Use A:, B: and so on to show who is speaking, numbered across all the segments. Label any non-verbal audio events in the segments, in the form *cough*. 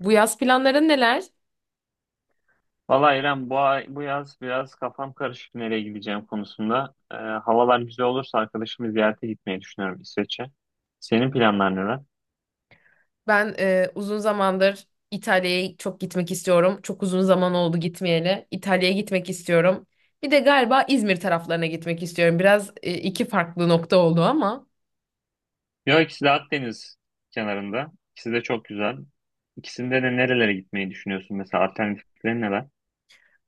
A: Bu yaz planların neler?
B: Valla İrem bu yaz biraz kafam karışık nereye gideceğim konusunda. Havalar güzel olursa arkadaşımı ziyarete gitmeyi düşünüyorum İsveç'e. Senin planlar neler?
A: Ben uzun zamandır İtalya'ya çok gitmek istiyorum. Çok uzun zaman oldu gitmeyeli. İtalya'ya gitmek istiyorum. Bir de galiba İzmir taraflarına gitmek istiyorum. Biraz iki farklı nokta oldu ama.
B: Yok, ikisi de Akdeniz kenarında. İkisi de çok güzel. İkisinde de nerelere gitmeyi düşünüyorsun mesela, alternatifleri neler?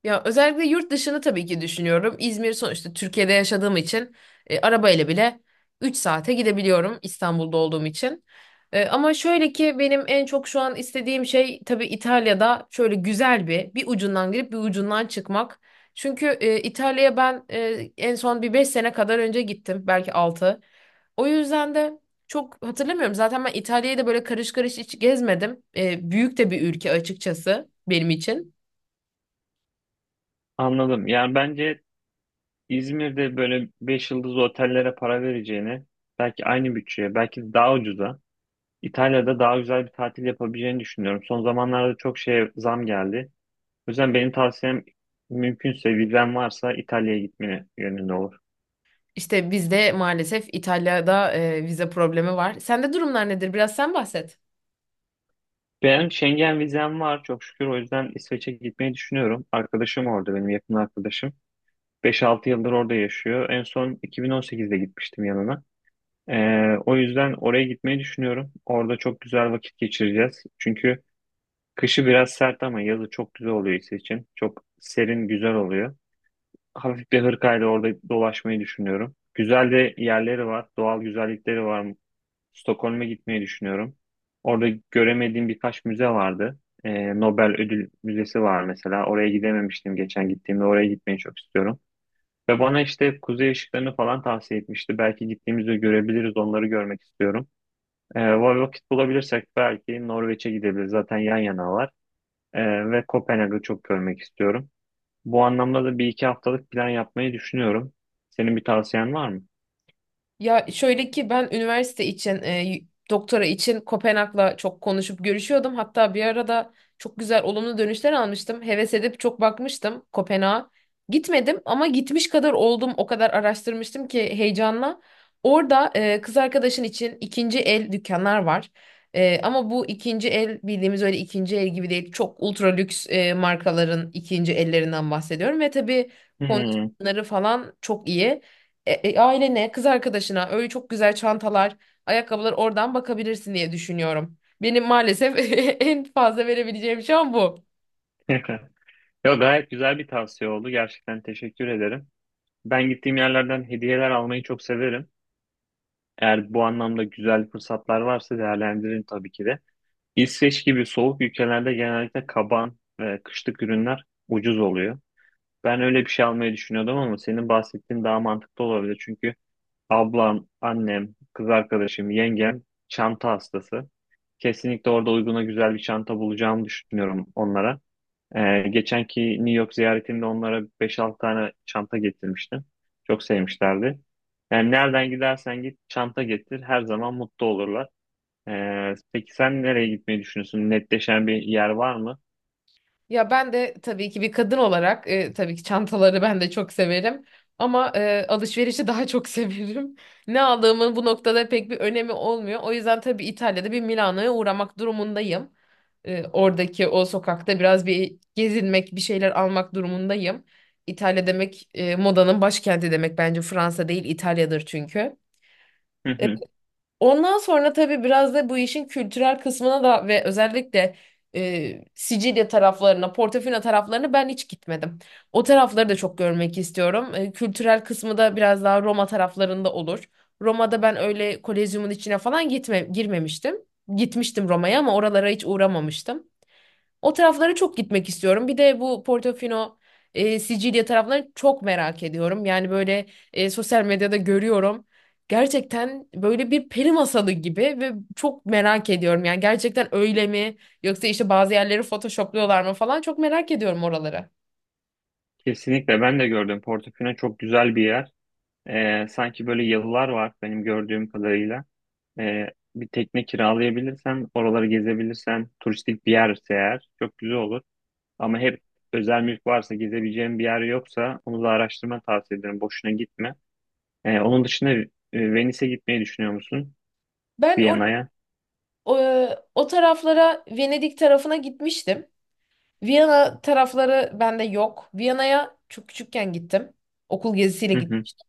A: Ya özellikle yurt dışını tabii ki düşünüyorum. İzmir sonuçta Türkiye'de yaşadığım için arabayla bile 3 saate gidebiliyorum İstanbul'da olduğum için. Ama şöyle ki benim en çok şu an istediğim şey tabii İtalya'da şöyle güzel bir ucundan girip bir ucundan çıkmak. Çünkü İtalya'ya ben en son bir 5 sene kadar önce gittim belki 6. O yüzden de çok hatırlamıyorum. Zaten ben İtalya'yı da böyle karış karış hiç gezmedim. Büyük de bir ülke açıkçası benim için.
B: Anladım. Yani bence İzmir'de böyle 5 yıldız otellere para vereceğini, belki aynı bütçeye, belki daha ucuza İtalya'da daha güzel bir tatil yapabileceğini düşünüyorum. Son zamanlarda çok şeye zam geldi. O yüzden benim tavsiyem, mümkünse, vizen varsa, İtalya'ya gitmeni yönünde olur.
A: İşte bizde maalesef İtalya'da vize problemi var. Sende durumlar nedir? Biraz sen bahset.
B: Ben Schengen vizem var çok şükür, o yüzden İsveç'e gitmeyi düşünüyorum. Arkadaşım orada, benim yakın arkadaşım, beş altı yıldır orada yaşıyor. En son 2018'de gitmiştim yanına. O yüzden oraya gitmeyi düşünüyorum. Orada çok güzel vakit geçireceğiz. Çünkü kışı biraz sert ama yazı çok güzel oluyor için çok serin, güzel oluyor. Hafif bir hırkayla orada dolaşmayı düşünüyorum. Güzel de yerleri var, doğal güzellikleri var. Stockholm'e gitmeyi düşünüyorum. Orada göremediğim birkaç müze vardı. Nobel Ödül Müzesi var mesela. Oraya gidememiştim geçen gittiğimde. Oraya gitmeyi çok istiyorum. Ve bana işte kuzey ışıklarını falan tavsiye etmişti. Belki gittiğimizde görebiliriz. Onları görmek istiyorum. Vakit bulabilirsek belki Norveç'e gidebiliriz. Zaten yan yanalar. Ve Kopenhag'ı çok görmek istiyorum. Bu anlamda da bir iki haftalık plan yapmayı düşünüyorum. Senin bir tavsiyen var mı?
A: Ya şöyle ki ben üniversite için doktora için Kopenhag'la çok konuşup görüşüyordum. Hatta bir arada çok güzel olumlu dönüşler almıştım. Heves edip çok bakmıştım Kopenhag'a. Gitmedim ama gitmiş kadar oldum. O kadar araştırmıştım ki heyecanla. Orada kız arkadaşın için ikinci el dükkanlar var. E, ama bu ikinci el bildiğimiz öyle ikinci el gibi değil. Çok ultra lüks markaların ikinci ellerinden bahsediyorum. Ve tabii
B: Hmm.
A: kondisyonları falan çok iyi ailene, kız arkadaşına öyle çok güzel çantalar, ayakkabılar oradan bakabilirsin diye düşünüyorum. Benim maalesef *laughs* en fazla verebileceğim şu an bu.
B: *laughs* Yo, gayet güzel bir tavsiye oldu. Gerçekten teşekkür ederim. Ben gittiğim yerlerden hediyeler almayı çok severim. Eğer bu anlamda güzel fırsatlar varsa değerlendiririm tabii ki de. İsveç gibi soğuk ülkelerde genellikle kaban ve kışlık ürünler ucuz oluyor. Ben öyle bir şey almayı düşünüyordum ama senin bahsettiğin daha mantıklı olabilir. Çünkü ablam, annem, kız arkadaşım, yengem çanta hastası. Kesinlikle orada uyguna güzel bir çanta bulacağımı düşünüyorum onlara. Geçenki New York ziyaretimde onlara beş altı tane çanta getirmiştim. Çok sevmişlerdi. Yani nereden gidersen git, çanta getir. Her zaman mutlu olurlar. Peki sen nereye gitmeyi düşünüyorsun? Netleşen bir yer var mı?
A: Ya ben de tabii ki bir kadın olarak tabii ki çantaları ben de çok severim. Ama alışverişi daha çok *laughs* severim. Ne aldığımın bu noktada pek bir önemi olmuyor. O yüzden tabii İtalya'da bir Milano'ya uğramak durumundayım. Oradaki o sokakta biraz bir gezinmek, bir şeyler almak durumundayım. İtalya demek modanın başkenti demek bence Fransa değil İtalya'dır çünkü.
B: Hı hı.
A: Ondan sonra tabii biraz da bu işin kültürel kısmına da ve özellikle Sicilya taraflarına, Portofino taraflarına ben hiç gitmedim. O tarafları da çok görmek istiyorum. E, kültürel kısmı da biraz daha Roma taraflarında olur. Roma'da ben öyle Kolezyum'un içine falan girmemiştim. Gitmiştim Roma'ya ama oralara hiç uğramamıştım. O taraflara çok gitmek istiyorum. Bir de bu Portofino, Sicilya taraflarını çok merak ediyorum. Yani böyle sosyal medyada görüyorum. Gerçekten böyle bir peri masalı gibi ve çok merak ediyorum. Yani gerçekten öyle mi? Yoksa işte bazı yerleri photoshopluyorlar mı falan çok merak ediyorum oraları.
B: Kesinlikle ben de gördüm. Portofino çok güzel bir yer. Sanki böyle yalılar var benim gördüğüm kadarıyla. Ee, Bir tekne kiralayabilirsen, oraları gezebilirsen, turistik bir yerse eğer çok güzel olur. Ama hep, özel mülk varsa, gezebileceğin bir yer yoksa onu da araştırma tavsiye ederim. Boşuna gitme. Onun dışında Venice'e gitmeyi düşünüyor musun?
A: Ben
B: Viyana'ya.
A: O, O taraflara Venedik tarafına gitmiştim. Viyana tarafları bende yok. Viyana'ya çok küçükken gittim. Okul gezisiyle
B: Hı hı,
A: gitmiştim.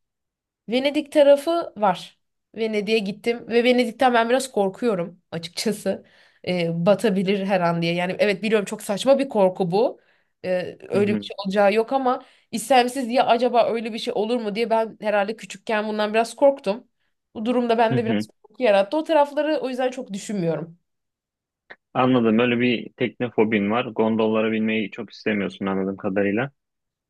A: Venedik tarafı var. Venedik'e gittim ve Venedik'ten ben biraz korkuyorum açıkçası. Batabilir her an diye. Yani evet biliyorum çok saçma bir korku bu.
B: hı
A: Öyle bir
B: hı,
A: şey olacağı yok ama istemsiz diye acaba öyle bir şey olur mu diye ben herhalde küçükken bundan biraz korktum. Bu durumda
B: hı
A: bende biraz
B: hı.
A: korku yarattı. O tarafları o yüzden çok düşünmüyorum.
B: Anladım. Böyle bir tekne fobin var. Gondollara binmeyi çok istemiyorsun anladığım kadarıyla.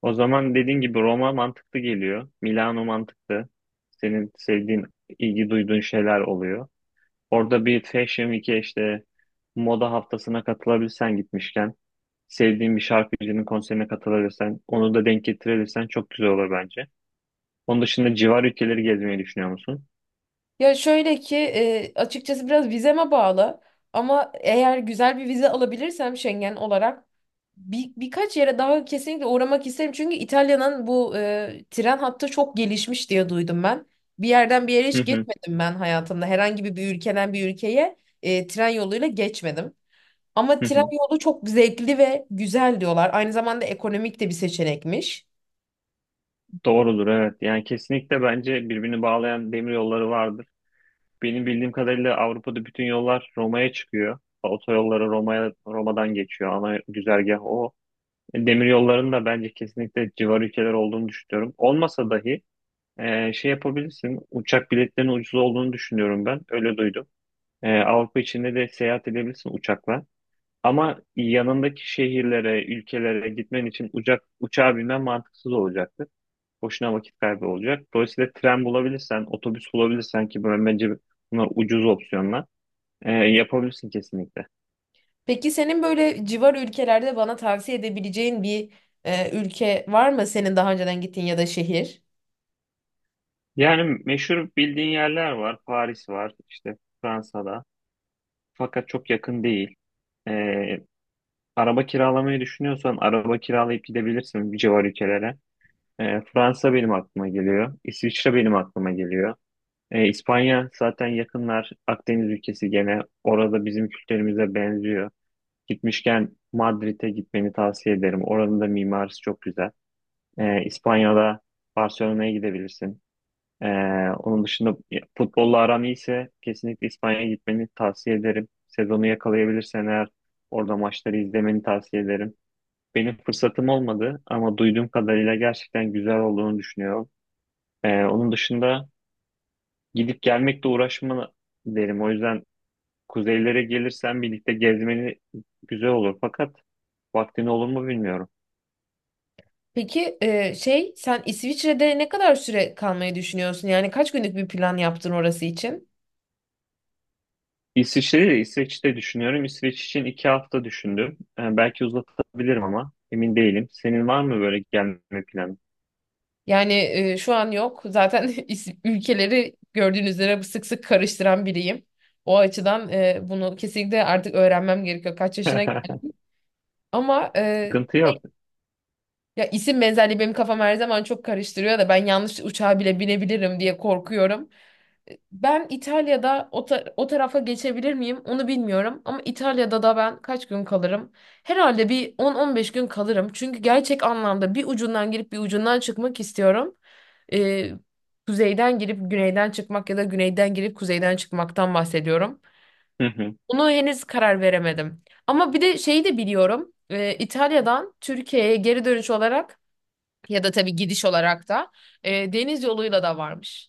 B: O zaman dediğin gibi Roma mantıklı geliyor. Milano mantıklı. Senin sevdiğin, ilgi duyduğun şeyler oluyor. Orada bir Fashion Week'e, işte moda haftasına katılabilsen gitmişken, sevdiğin bir şarkıcının konserine katılabilirsen, onu da denk getirebilirsen çok güzel olur bence. Onun dışında civar ülkeleri gezmeyi düşünüyor musun?
A: Ya şöyle ki açıkçası biraz vizeme bağlı ama eğer güzel bir vize alabilirsem Schengen olarak birkaç yere daha kesinlikle uğramak isterim. Çünkü İtalya'nın bu tren hattı çok gelişmiş diye duydum ben. Bir yerden bir yere
B: Hı
A: hiç
B: hı,
A: geçmedim ben hayatımda. Herhangi bir ülkeden bir ülkeye tren yoluyla geçmedim. Ama
B: hı
A: tren
B: hı.
A: yolu çok zevkli ve güzel diyorlar. Aynı zamanda ekonomik de bir seçenekmiş.
B: Doğrudur, evet. Yani kesinlikle bence birbirini bağlayan demir yolları vardır. Benim bildiğim kadarıyla Avrupa'da bütün yollar Roma'ya çıkıyor. Otoyolları Roma'dan geçiyor. Ana güzergah o. E, demir yollarının da bence kesinlikle civar ülkeler olduğunu düşünüyorum. Olmasa dahi şey yapabilirsin. Uçak biletlerinin ucuz olduğunu düşünüyorum ben. Öyle duydum. Avrupa içinde de seyahat edebilirsin uçakla. Ama yanındaki şehirlere, ülkelere gitmen için uçağa binmen mantıksız olacaktır. Boşuna vakit kaybı olacak. Dolayısıyla tren bulabilirsen, otobüs bulabilirsen, ki bence bunlar ucuz opsiyonlar. Yapabilirsin kesinlikle.
A: Peki senin böyle civar ülkelerde bana tavsiye edebileceğin bir ülke var mı senin daha önceden gittiğin ya da şehir?
B: Yani meşhur bildiğin yerler var. Paris var, işte Fransa'da. Fakat çok yakın değil. Ee, Araba kiralamayı düşünüyorsan araba kiralayıp gidebilirsin bir civar ülkelere. Fransa benim aklıma geliyor. İsviçre benim aklıma geliyor. İspanya zaten yakınlar. Akdeniz ülkesi gene. Orada bizim kültürümüze benziyor. Gitmişken Madrid'e gitmeni tavsiye ederim. Oranın da mimarisi çok güzel. İspanya'da Barcelona'ya gidebilirsin. Ee, Onun dışında futbolla aran iyiyse kesinlikle İspanya'ya gitmeni tavsiye ederim. Sezonu yakalayabilirsen eğer orada maçları izlemeni tavsiye ederim. Benim fırsatım olmadı ama duyduğum kadarıyla gerçekten güzel olduğunu düşünüyorum. Onun dışında gidip gelmekle uğraşma derim. O yüzden kuzeylere gelirsen birlikte gezmeni güzel olur. Fakat vaktin olur mu bilmiyorum.
A: Peki sen İsviçre'de ne kadar süre kalmayı düşünüyorsun? Yani kaç günlük bir plan yaptın orası için?
B: İsviçre'yi de İsveç'te düşünüyorum. İsveç için iki hafta düşündüm. Belki uzatabilirim ama emin değilim. Senin var mı böyle gelme planı?
A: Yani şu an yok. Zaten *laughs* ülkeleri gördüğünüz üzere sık sık karıştıran biriyim. O açıdan bunu kesinlikle artık öğrenmem gerekiyor. Kaç yaşına
B: *laughs*
A: geldim. Ama
B: Sıkıntı yok.
A: ya isim benzerliği benim kafam her zaman çok karıştırıyor da ben yanlış uçağa bile binebilirim diye korkuyorum. Ben İtalya'da o tarafa geçebilir miyim onu bilmiyorum ama İtalya'da da ben kaç gün kalırım? Herhalde bir 10-15 gün kalırım. Çünkü gerçek anlamda bir ucundan girip bir ucundan çıkmak istiyorum. Ee, Kuzeyden girip güneyden çıkmak ya da güneyden girip kuzeyden çıkmaktan bahsediyorum.
B: Hı hı.
A: Bunu henüz karar veremedim. Ama bir de şeyi de biliyorum. İtalya'dan Türkiye'ye geri dönüş olarak ya da tabii gidiş olarak da deniz yoluyla da varmış.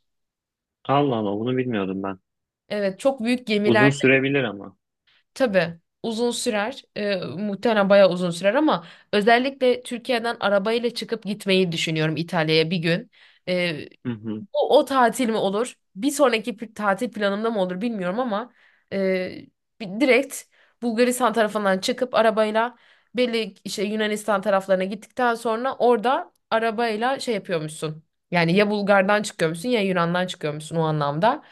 B: Allah Allah, bunu bilmiyordum ben.
A: Evet, çok büyük
B: Uzun
A: gemiler.
B: sürebilir ama.
A: Tabii uzun sürer. Muhtemelen bayağı uzun sürer ama özellikle Türkiye'den arabayla çıkıp gitmeyi düşünüyorum İtalya'ya bir gün.
B: Hı hı.
A: O tatil mi olur? Bir sonraki tatil planımda mı olur bilmiyorum ama e, direkt Bulgaristan tarafından çıkıp arabayla belli işte Yunanistan taraflarına gittikten sonra orada arabayla şey yapıyormuşsun. Yani ya Bulgar'dan çıkıyormuşsun ya Yunan'dan çıkıyormuşsun o anlamda.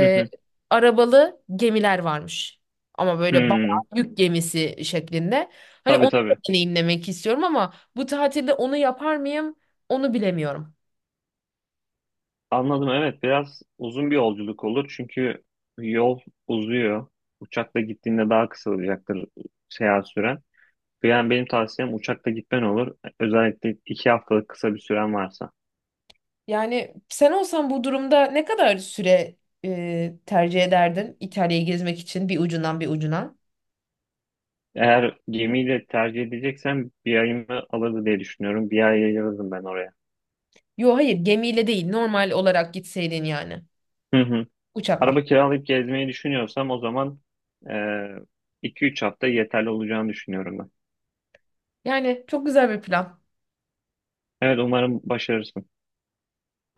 B: Hı hı.
A: Arabalı gemiler varmış. Ama böyle bayağı
B: Hı.
A: yük gemisi şeklinde. Hani onu
B: Tabii
A: da
B: tabii.
A: deneyimlemek istiyorum ama bu tatilde onu yapar mıyım? Onu bilemiyorum.
B: Anladım, evet, biraz uzun bir yolculuk olur çünkü yol uzuyor. Uçakla gittiğinde daha kısa olacaktır seyahat süren. Yani benim tavsiyem uçakla gitmen olur. Özellikle iki haftalık kısa bir süren varsa.
A: Yani sen olsan bu durumda ne kadar süre tercih ederdin İtalya'yı gezmek için bir ucundan bir ucuna?
B: Eğer gemiyle tercih edeceksen bir ayımı alırdı diye düşünüyorum. Bir ay ayırırdım ben oraya.
A: Yo hayır, gemiyle değil, normal olarak gitseydin yani
B: Hı hı.
A: uçakla.
B: Araba kiralayıp gezmeyi düşünüyorsam o zaman e, iki üç hafta yeterli olacağını düşünüyorum ben.
A: Yani çok güzel bir plan.
B: Evet, umarım başarırsın.